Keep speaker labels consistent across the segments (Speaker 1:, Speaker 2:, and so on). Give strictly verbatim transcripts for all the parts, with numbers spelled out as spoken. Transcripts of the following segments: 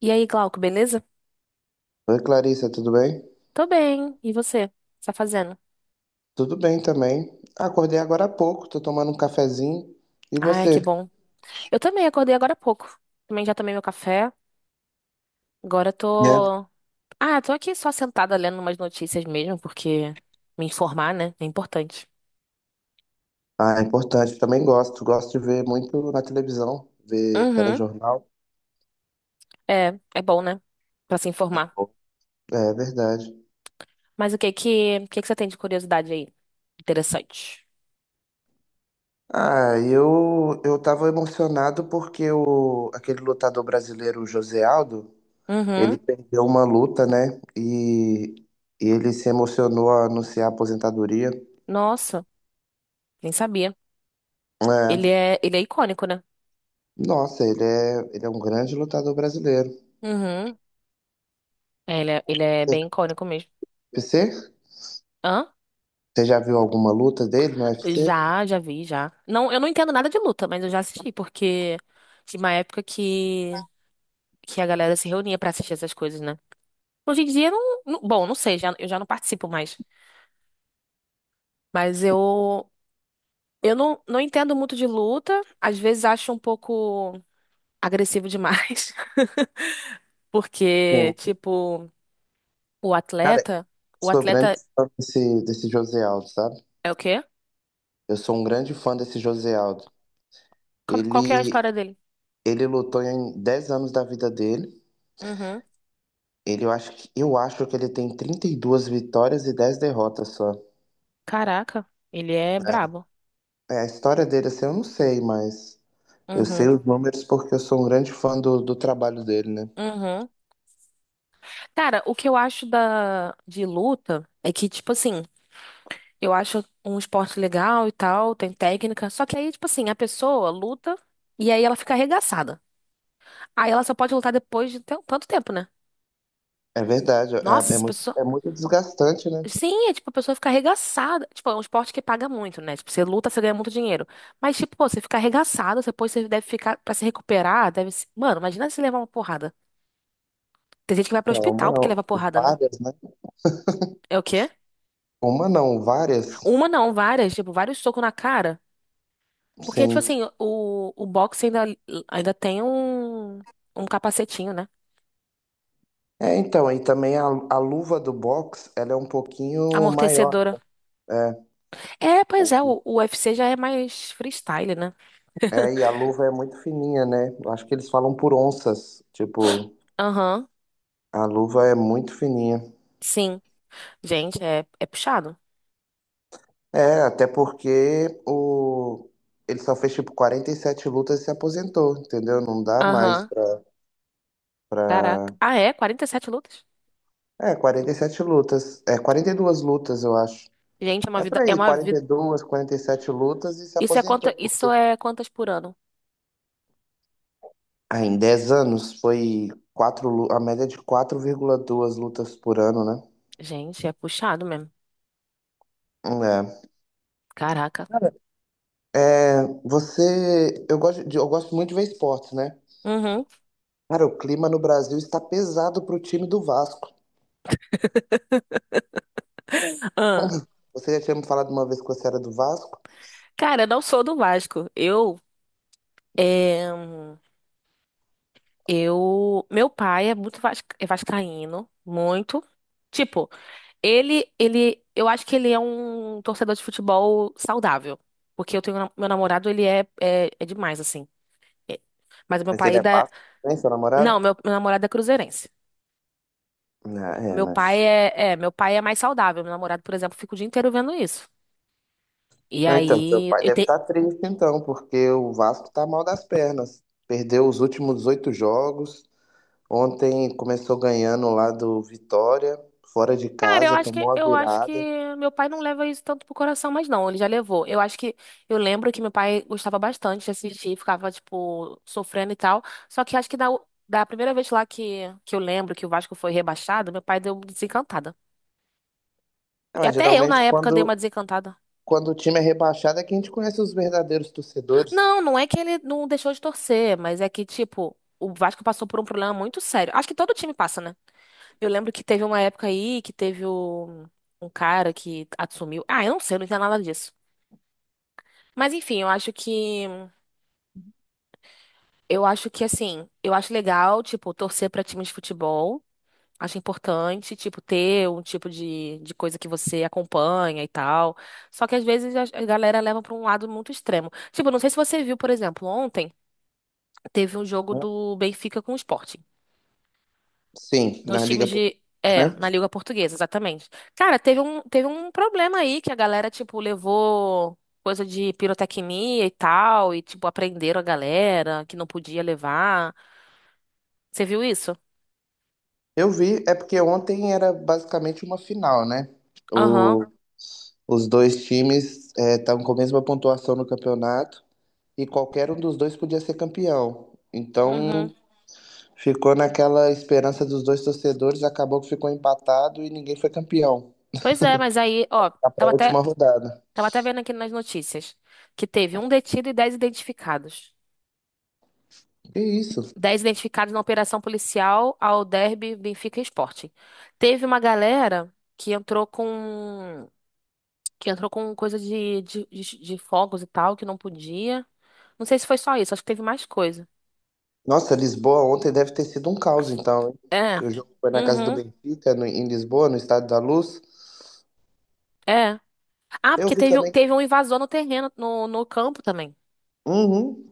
Speaker 1: E aí, Glauco, beleza?
Speaker 2: Oi, Clarissa, tudo bem?
Speaker 1: Tô bem. E você? O que você tá fazendo?
Speaker 2: Tudo bem também. Acordei agora há pouco, tô tomando um cafezinho. E
Speaker 1: Ai, que
Speaker 2: você?
Speaker 1: bom. Eu também acordei agora há pouco. Também já tomei meu café. Agora
Speaker 2: É.
Speaker 1: tô. Ah, tô aqui só sentada lendo umas notícias mesmo, porque me informar, né, é importante.
Speaker 2: Ah, é importante. Também gosto. Gosto de ver muito na televisão, ver
Speaker 1: Uhum.
Speaker 2: telejornal.
Speaker 1: É, é bom, né? Pra se informar.
Speaker 2: É verdade.
Speaker 1: Mas o que que, o que que você tem de curiosidade aí? Interessante.
Speaker 2: Ah, eu eu tava emocionado porque o, aquele lutador brasileiro, o José Aldo, ele
Speaker 1: Uhum.
Speaker 2: perdeu uma luta, né? E, e ele se emocionou a anunciar a aposentadoria.
Speaker 1: Nossa, nem sabia. Ele
Speaker 2: É,
Speaker 1: é, ele é icônico, né?
Speaker 2: nossa, ele é, ele é um grande lutador brasileiro.
Speaker 1: Uhum. É, ele é, ele é bem icônico mesmo.
Speaker 2: Você?
Speaker 1: Hã?
Speaker 2: Você já viu alguma luta dele no U F C?
Speaker 1: Já, já vi, já. Não, eu não entendo nada de luta, mas eu já assisti, porque tinha uma época que, que a galera se reunia pra assistir essas coisas, né? Hoje em dia, não, não- bom, não sei, já, eu já não participo mais. Mas eu, eu não, não entendo muito de luta, às vezes acho um pouco agressivo demais,
Speaker 2: Sim.
Speaker 1: porque, tipo, o
Speaker 2: Cara,
Speaker 1: atleta, o
Speaker 2: sou grande
Speaker 1: atleta
Speaker 2: fã desse, desse José Aldo, sabe?
Speaker 1: é o quê?
Speaker 2: Eu sou um grande fã desse José Aldo.
Speaker 1: Qual, qual que é a
Speaker 2: Ele,
Speaker 1: história dele?
Speaker 2: ele lutou em dez anos da vida dele.
Speaker 1: Uhum.
Speaker 2: Ele, eu acho que, eu acho que ele tem trinta e duas vitórias e dez derrotas só.
Speaker 1: Caraca, ele é brabo.
Speaker 2: É, a história dele, assim, eu não sei, mas eu sei
Speaker 1: Uhum.
Speaker 2: os números porque eu sou um grande fã do, do trabalho dele, né?
Speaker 1: Uhum. Cara, o que eu acho da de luta é que, tipo assim, eu acho um esporte legal e tal, tem técnica, só que aí, tipo assim, a pessoa luta e aí ela fica arregaçada. Aí ela só pode lutar depois de tan- tanto tempo, né?
Speaker 2: É verdade,
Speaker 1: Nossa,
Speaker 2: é, é
Speaker 1: a
Speaker 2: muito,
Speaker 1: pessoa.
Speaker 2: é muito desgastante, né?
Speaker 1: Sim, é tipo, a pessoa fica arregaçada. Tipo, é um esporte que paga muito, né? Tipo, você luta, você ganha muito dinheiro. Mas, tipo, pô, você fica arregaçado, depois você deve ficar, pra se recuperar, deve se... Mano, imagina se levar uma porrada. Tem gente que vai pro
Speaker 2: É, uma
Speaker 1: hospital porque leva
Speaker 2: não,
Speaker 1: porrada, né?
Speaker 2: várias, né?
Speaker 1: É o quê?
Speaker 2: Uma não, várias,
Speaker 1: Uma não, várias, tipo, vários socos na cara. Porque, tipo
Speaker 2: sim.
Speaker 1: assim, o, o boxe ainda, ainda tem um, um capacetinho, né?
Speaker 2: É, então, e também a, a luva do box, ela é um pouquinho maior.
Speaker 1: Amortecedora.
Speaker 2: É,
Speaker 1: É, pois é, o, o U F C já é mais freestyle, né?
Speaker 2: é, e a luva é muito fininha, né? Eu acho que eles falam por onças. Tipo,
Speaker 1: Aham,
Speaker 2: a luva é muito fininha.
Speaker 1: sim. Gente, é, é puxado.
Speaker 2: É, até porque o... ele só fez tipo quarenta e sete lutas e se aposentou, entendeu? Não dá mais
Speaker 1: Aham,
Speaker 2: pra,
Speaker 1: caraca.
Speaker 2: pra...
Speaker 1: Ah, é? Quarenta e sete lutas?
Speaker 2: É, quarenta e sete lutas. É, quarenta e duas lutas, eu acho.
Speaker 1: Gente, é uma
Speaker 2: É por
Speaker 1: vida, é
Speaker 2: aí,
Speaker 1: uma vida.
Speaker 2: quarenta e dois, sete lutas e se
Speaker 1: Isso é quanta,
Speaker 2: aposentou.
Speaker 1: isso é quantas por ano?
Speaker 2: Ah, em dez anos foi quatro, lu- a média é de quatro vírgula duas lutas por ano, né?
Speaker 1: Gente, é puxado mesmo.
Speaker 2: É.
Speaker 1: Caraca.
Speaker 2: Cara, é, você. Eu gosto, de- eu gosto muito de ver esportes, né?
Speaker 1: Uhum.
Speaker 2: Cara, o clima no Brasil está pesado pro time do Vasco.
Speaker 1: Ah.
Speaker 2: Você já tinha me falado uma vez que você era do Vasco?
Speaker 1: Cara, eu não sou do Vasco. Eu é... Eu, meu pai é muito vas- é vascaíno, muito. Tipo, ele, ele, eu acho que ele é um torcedor de futebol saudável, porque eu tenho na- meu namorado, ele é, é, é demais assim. É. Mas meu
Speaker 2: Mas
Speaker 1: pai
Speaker 2: ele é
Speaker 1: ainda, é,
Speaker 2: Vasco, né, seu namorado?
Speaker 1: não, meu, meu namorado é cruzeirense.
Speaker 2: Não, é,
Speaker 1: Meu pai
Speaker 2: mas.
Speaker 1: é, é, meu pai é mais saudável. Meu namorado, por exemplo, fica o dia inteiro vendo isso. E
Speaker 2: Não, então, seu
Speaker 1: aí,
Speaker 2: pai
Speaker 1: eu
Speaker 2: deve
Speaker 1: tenho.
Speaker 2: estar triste, então, porque o Vasco tá mal das pernas. Perdeu os últimos oito jogos. Ontem começou ganhando lá do Vitória, fora de
Speaker 1: Cara, eu
Speaker 2: casa,
Speaker 1: acho que
Speaker 2: tomou a
Speaker 1: eu acho que
Speaker 2: virada.
Speaker 1: meu pai não leva isso tanto pro coração, mas não, ele já levou. Eu acho que eu lembro que meu pai gostava bastante de assistir, ficava tipo sofrendo e tal. Só que acho que da, da primeira vez lá que, que eu lembro que o Vasco foi rebaixado, meu pai deu uma desencantada.
Speaker 2: Ah,
Speaker 1: E
Speaker 2: mas
Speaker 1: até eu na
Speaker 2: geralmente
Speaker 1: época dei uma
Speaker 2: quando,
Speaker 1: desencantada.
Speaker 2: quando o time é rebaixado é que a gente conhece os verdadeiros torcedores.
Speaker 1: Não, não é que ele não deixou de torcer, mas é que tipo o Vasco passou por um problema muito sério. Acho que todo time passa, né? Eu lembro que teve uma época aí que teve o um cara que assumiu. Ah, eu não sei, eu não entendo nada disso. Mas enfim, eu acho que eu acho que assim, eu acho legal, tipo, torcer pra time de futebol. Acho importante, tipo, ter um tipo de, de coisa que você acompanha e tal. Só que às vezes a a galera leva pra um lado muito extremo. Tipo, não sei se você viu, por exemplo, ontem teve um jogo
Speaker 2: Né?
Speaker 1: do Benfica com o Sporting.
Speaker 2: Sim,
Speaker 1: Dois
Speaker 2: na Liga
Speaker 1: times de. É,
Speaker 2: Portuguesa,
Speaker 1: na
Speaker 2: né?
Speaker 1: Liga Portuguesa, exatamente. Cara, teve um, teve um problema aí que a galera, tipo, levou coisa de pirotecnia e tal, e, tipo, aprenderam a galera que não podia levar. Você viu isso?
Speaker 2: Eu vi, é porque ontem era basicamente uma final, né?
Speaker 1: Aham.
Speaker 2: O, os dois times estavam com a mesma pontuação no campeonato e qualquer um dos dois podia ser campeão. Então
Speaker 1: Uhum.
Speaker 2: ficou naquela esperança dos dois torcedores, acabou que ficou empatado e ninguém foi campeão.
Speaker 1: Pois é, mas aí, ó,
Speaker 2: Tá pra
Speaker 1: tava até,
Speaker 2: última rodada.
Speaker 1: tava até vendo aqui nas notícias que teve um detido e dez identificados.
Speaker 2: Que isso?
Speaker 1: Dez identificados na operação policial ao Derby, Benfica e Sporting. Teve uma galera que entrou com que entrou com coisa de, de, de, de fogos e tal, que não podia. Não sei se foi só isso, acho que teve mais coisa.
Speaker 2: Nossa, Lisboa ontem deve ter sido um caos, então, hein?
Speaker 1: É.
Speaker 2: O jogo foi na casa do
Speaker 1: Uhum.
Speaker 2: Benfica, no- em Lisboa, no Estádio da Luz.
Speaker 1: É. Ah,
Speaker 2: Eu
Speaker 1: porque
Speaker 2: vi
Speaker 1: teve,
Speaker 2: também.
Speaker 1: teve um invasor no terreno, no, no campo também.
Speaker 2: Uhum,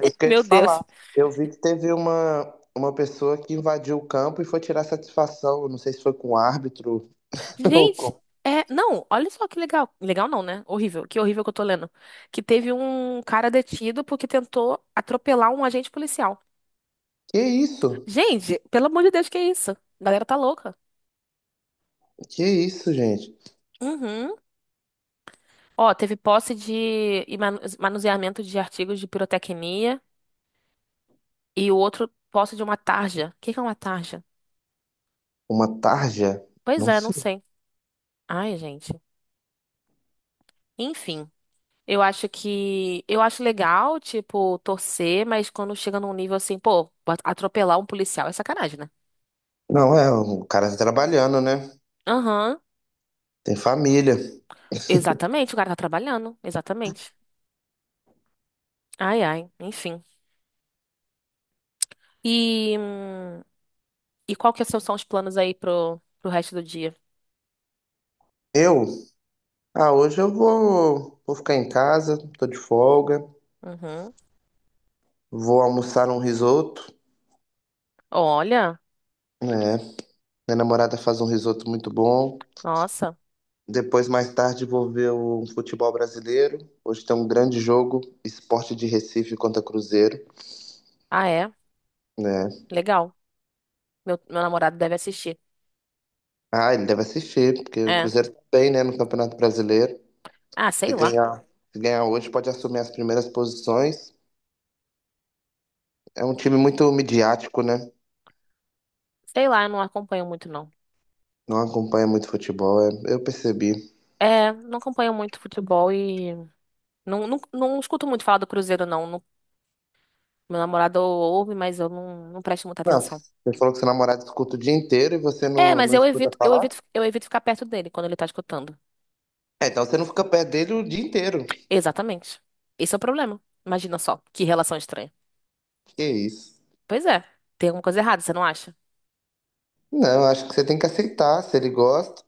Speaker 2: é isso que eu ia
Speaker 1: Meu
Speaker 2: te
Speaker 1: Deus.
Speaker 2: falar. Eu vi que teve uma, uma pessoa que invadiu o campo e foi tirar satisfação. Eu não sei se foi com o árbitro ou
Speaker 1: Gente,
Speaker 2: com.
Speaker 1: é. Não, olha só que legal. Legal não, né? Horrível. Que horrível que eu tô lendo. Que teve um cara detido porque tentou atropelar um agente policial.
Speaker 2: Que isso?
Speaker 1: Gente, pelo amor de Deus, que é isso? A galera tá louca.
Speaker 2: Que isso, gente?
Speaker 1: Uhum. Ó, teve posse de e manu- manuseamento de artigos de pirotecnia e o outro posse de uma tarja. O que que é uma tarja?
Speaker 2: Uma tarja?
Speaker 1: Pois
Speaker 2: Não
Speaker 1: é, não
Speaker 2: sei.
Speaker 1: sei. Ai, gente. Enfim. Eu acho que. Eu acho legal, tipo, torcer, mas quando chega num nível assim, pô, atropelar um policial é sacanagem, né?
Speaker 2: Não, é, o cara tá trabalhando, né?
Speaker 1: Aham,
Speaker 2: Tem família.
Speaker 1: exatamente, o cara tá trabalhando, exatamente. Ai, ai, enfim. E, hum, e qual que são os planos aí pro, pro resto do dia?
Speaker 2: Eu Ah, hoje eu vou, vou ficar em casa, tô de folga,
Speaker 1: Uhum.
Speaker 2: vou almoçar um risoto,
Speaker 1: Olha,
Speaker 2: né? Minha namorada faz um risoto muito bom.
Speaker 1: nossa.
Speaker 2: Depois, mais tarde, vou ver o futebol brasileiro. Hoje tem um grande jogo, Sport de Recife contra Cruzeiro,
Speaker 1: Ah, é?
Speaker 2: né?
Speaker 1: Legal. Meu, meu namorado deve assistir.
Speaker 2: Ah, ele deve assistir, porque o
Speaker 1: É.
Speaker 2: Cruzeiro tá bem, né, no Campeonato Brasileiro.
Speaker 1: Ah,
Speaker 2: Se
Speaker 1: sei lá.
Speaker 2: ganhar, se ganhar hoje, pode assumir as primeiras posições. É um time muito midiático, né?
Speaker 1: Sei lá, eu não acompanho muito, não.
Speaker 2: Não acompanha muito futebol, é- eu percebi.
Speaker 1: É, não acompanho muito futebol e não, não, não escuto muito falar do Cruzeiro, não. Meu namorado ouve, mas eu não, não presto muita
Speaker 2: Não,
Speaker 1: atenção.
Speaker 2: você falou que seu namorado escuta o dia inteiro e você
Speaker 1: É,
Speaker 2: não,
Speaker 1: mas
Speaker 2: não
Speaker 1: eu
Speaker 2: escuta
Speaker 1: evito, eu
Speaker 2: falar?
Speaker 1: evito, eu evito ficar perto dele quando ele tá escutando.
Speaker 2: É, então você não fica perto dele o dia inteiro.
Speaker 1: Exatamente. Esse é o problema. Imagina só, que relação estranha.
Speaker 2: Que isso?
Speaker 1: Pois é, tem alguma coisa errada, você não acha?
Speaker 2: Não, acho que você tem que aceitar, se ele gosta.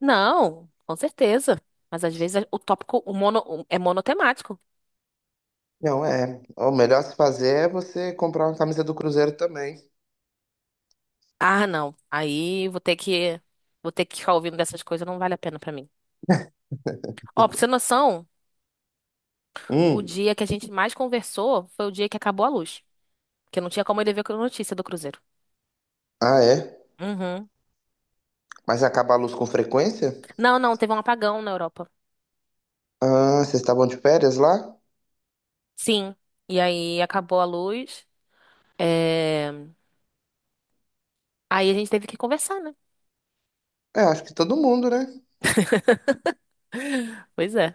Speaker 1: Não, com certeza. Mas às vezes o tópico o mono, o- é monotemático.
Speaker 2: Não, é. O melhor a se fazer é você comprar uma camisa do Cruzeiro também.
Speaker 1: Ah, não. Aí vou ter que, vou ter que ficar ouvindo dessas coisas, não vale a pena pra mim. Ó, pra você ter noção, o
Speaker 2: Hum,
Speaker 1: dia que a gente mais conversou foi o dia que acabou a luz. Porque não tinha como ele ver a notícia do Cruzeiro.
Speaker 2: ah, é?
Speaker 1: Uhum.
Speaker 2: Mas acaba a luz com frequência?
Speaker 1: Não, não, teve um apagão na Europa.
Speaker 2: Ah, vocês estavam de férias lá?
Speaker 1: Sim. E aí acabou a luz. É... Aí a gente teve que conversar, né?
Speaker 2: É, acho que todo mundo, né?
Speaker 1: Pois é.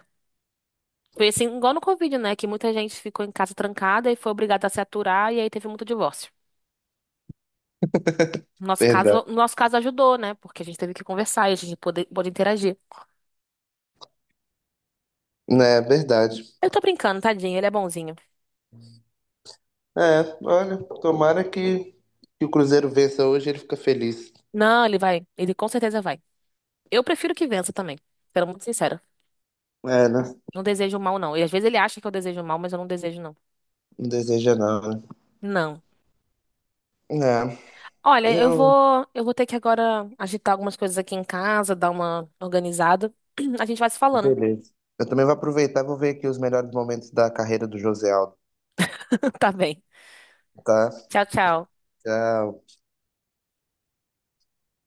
Speaker 1: Foi assim, igual no Covid, né? Que muita gente ficou em casa trancada e foi obrigada a se aturar, e aí teve muito divórcio. No nosso caso,
Speaker 2: Verdade.
Speaker 1: no nosso caso ajudou, né? Porque a gente teve que conversar e a gente pôde, pôde interagir.
Speaker 2: É, verdade.
Speaker 1: Eu tô brincando, tadinho, ele é bonzinho.
Speaker 2: É, olha, tomara que, que o Cruzeiro vença hoje e ele fica feliz.
Speaker 1: Não, ele vai. Ele com certeza vai. Eu prefiro que vença também. Sendo muito sincera.
Speaker 2: É, né?
Speaker 1: Não desejo mal, não. E às vezes ele acha que eu desejo mal, mas eu não desejo, não.
Speaker 2: Não deseja não, né?
Speaker 1: Não.
Speaker 2: É,
Speaker 1: Olha, eu
Speaker 2: Eu,
Speaker 1: vou, eu vou ter que agora agitar algumas coisas aqui em casa, dar uma organizada. A gente vai se falando,
Speaker 2: beleza. Eu também vou aproveitar e vou ver aqui os melhores momentos da carreira do José Aldo,
Speaker 1: tá bem?
Speaker 2: tá?
Speaker 1: Tchau, tchau.
Speaker 2: Tchau.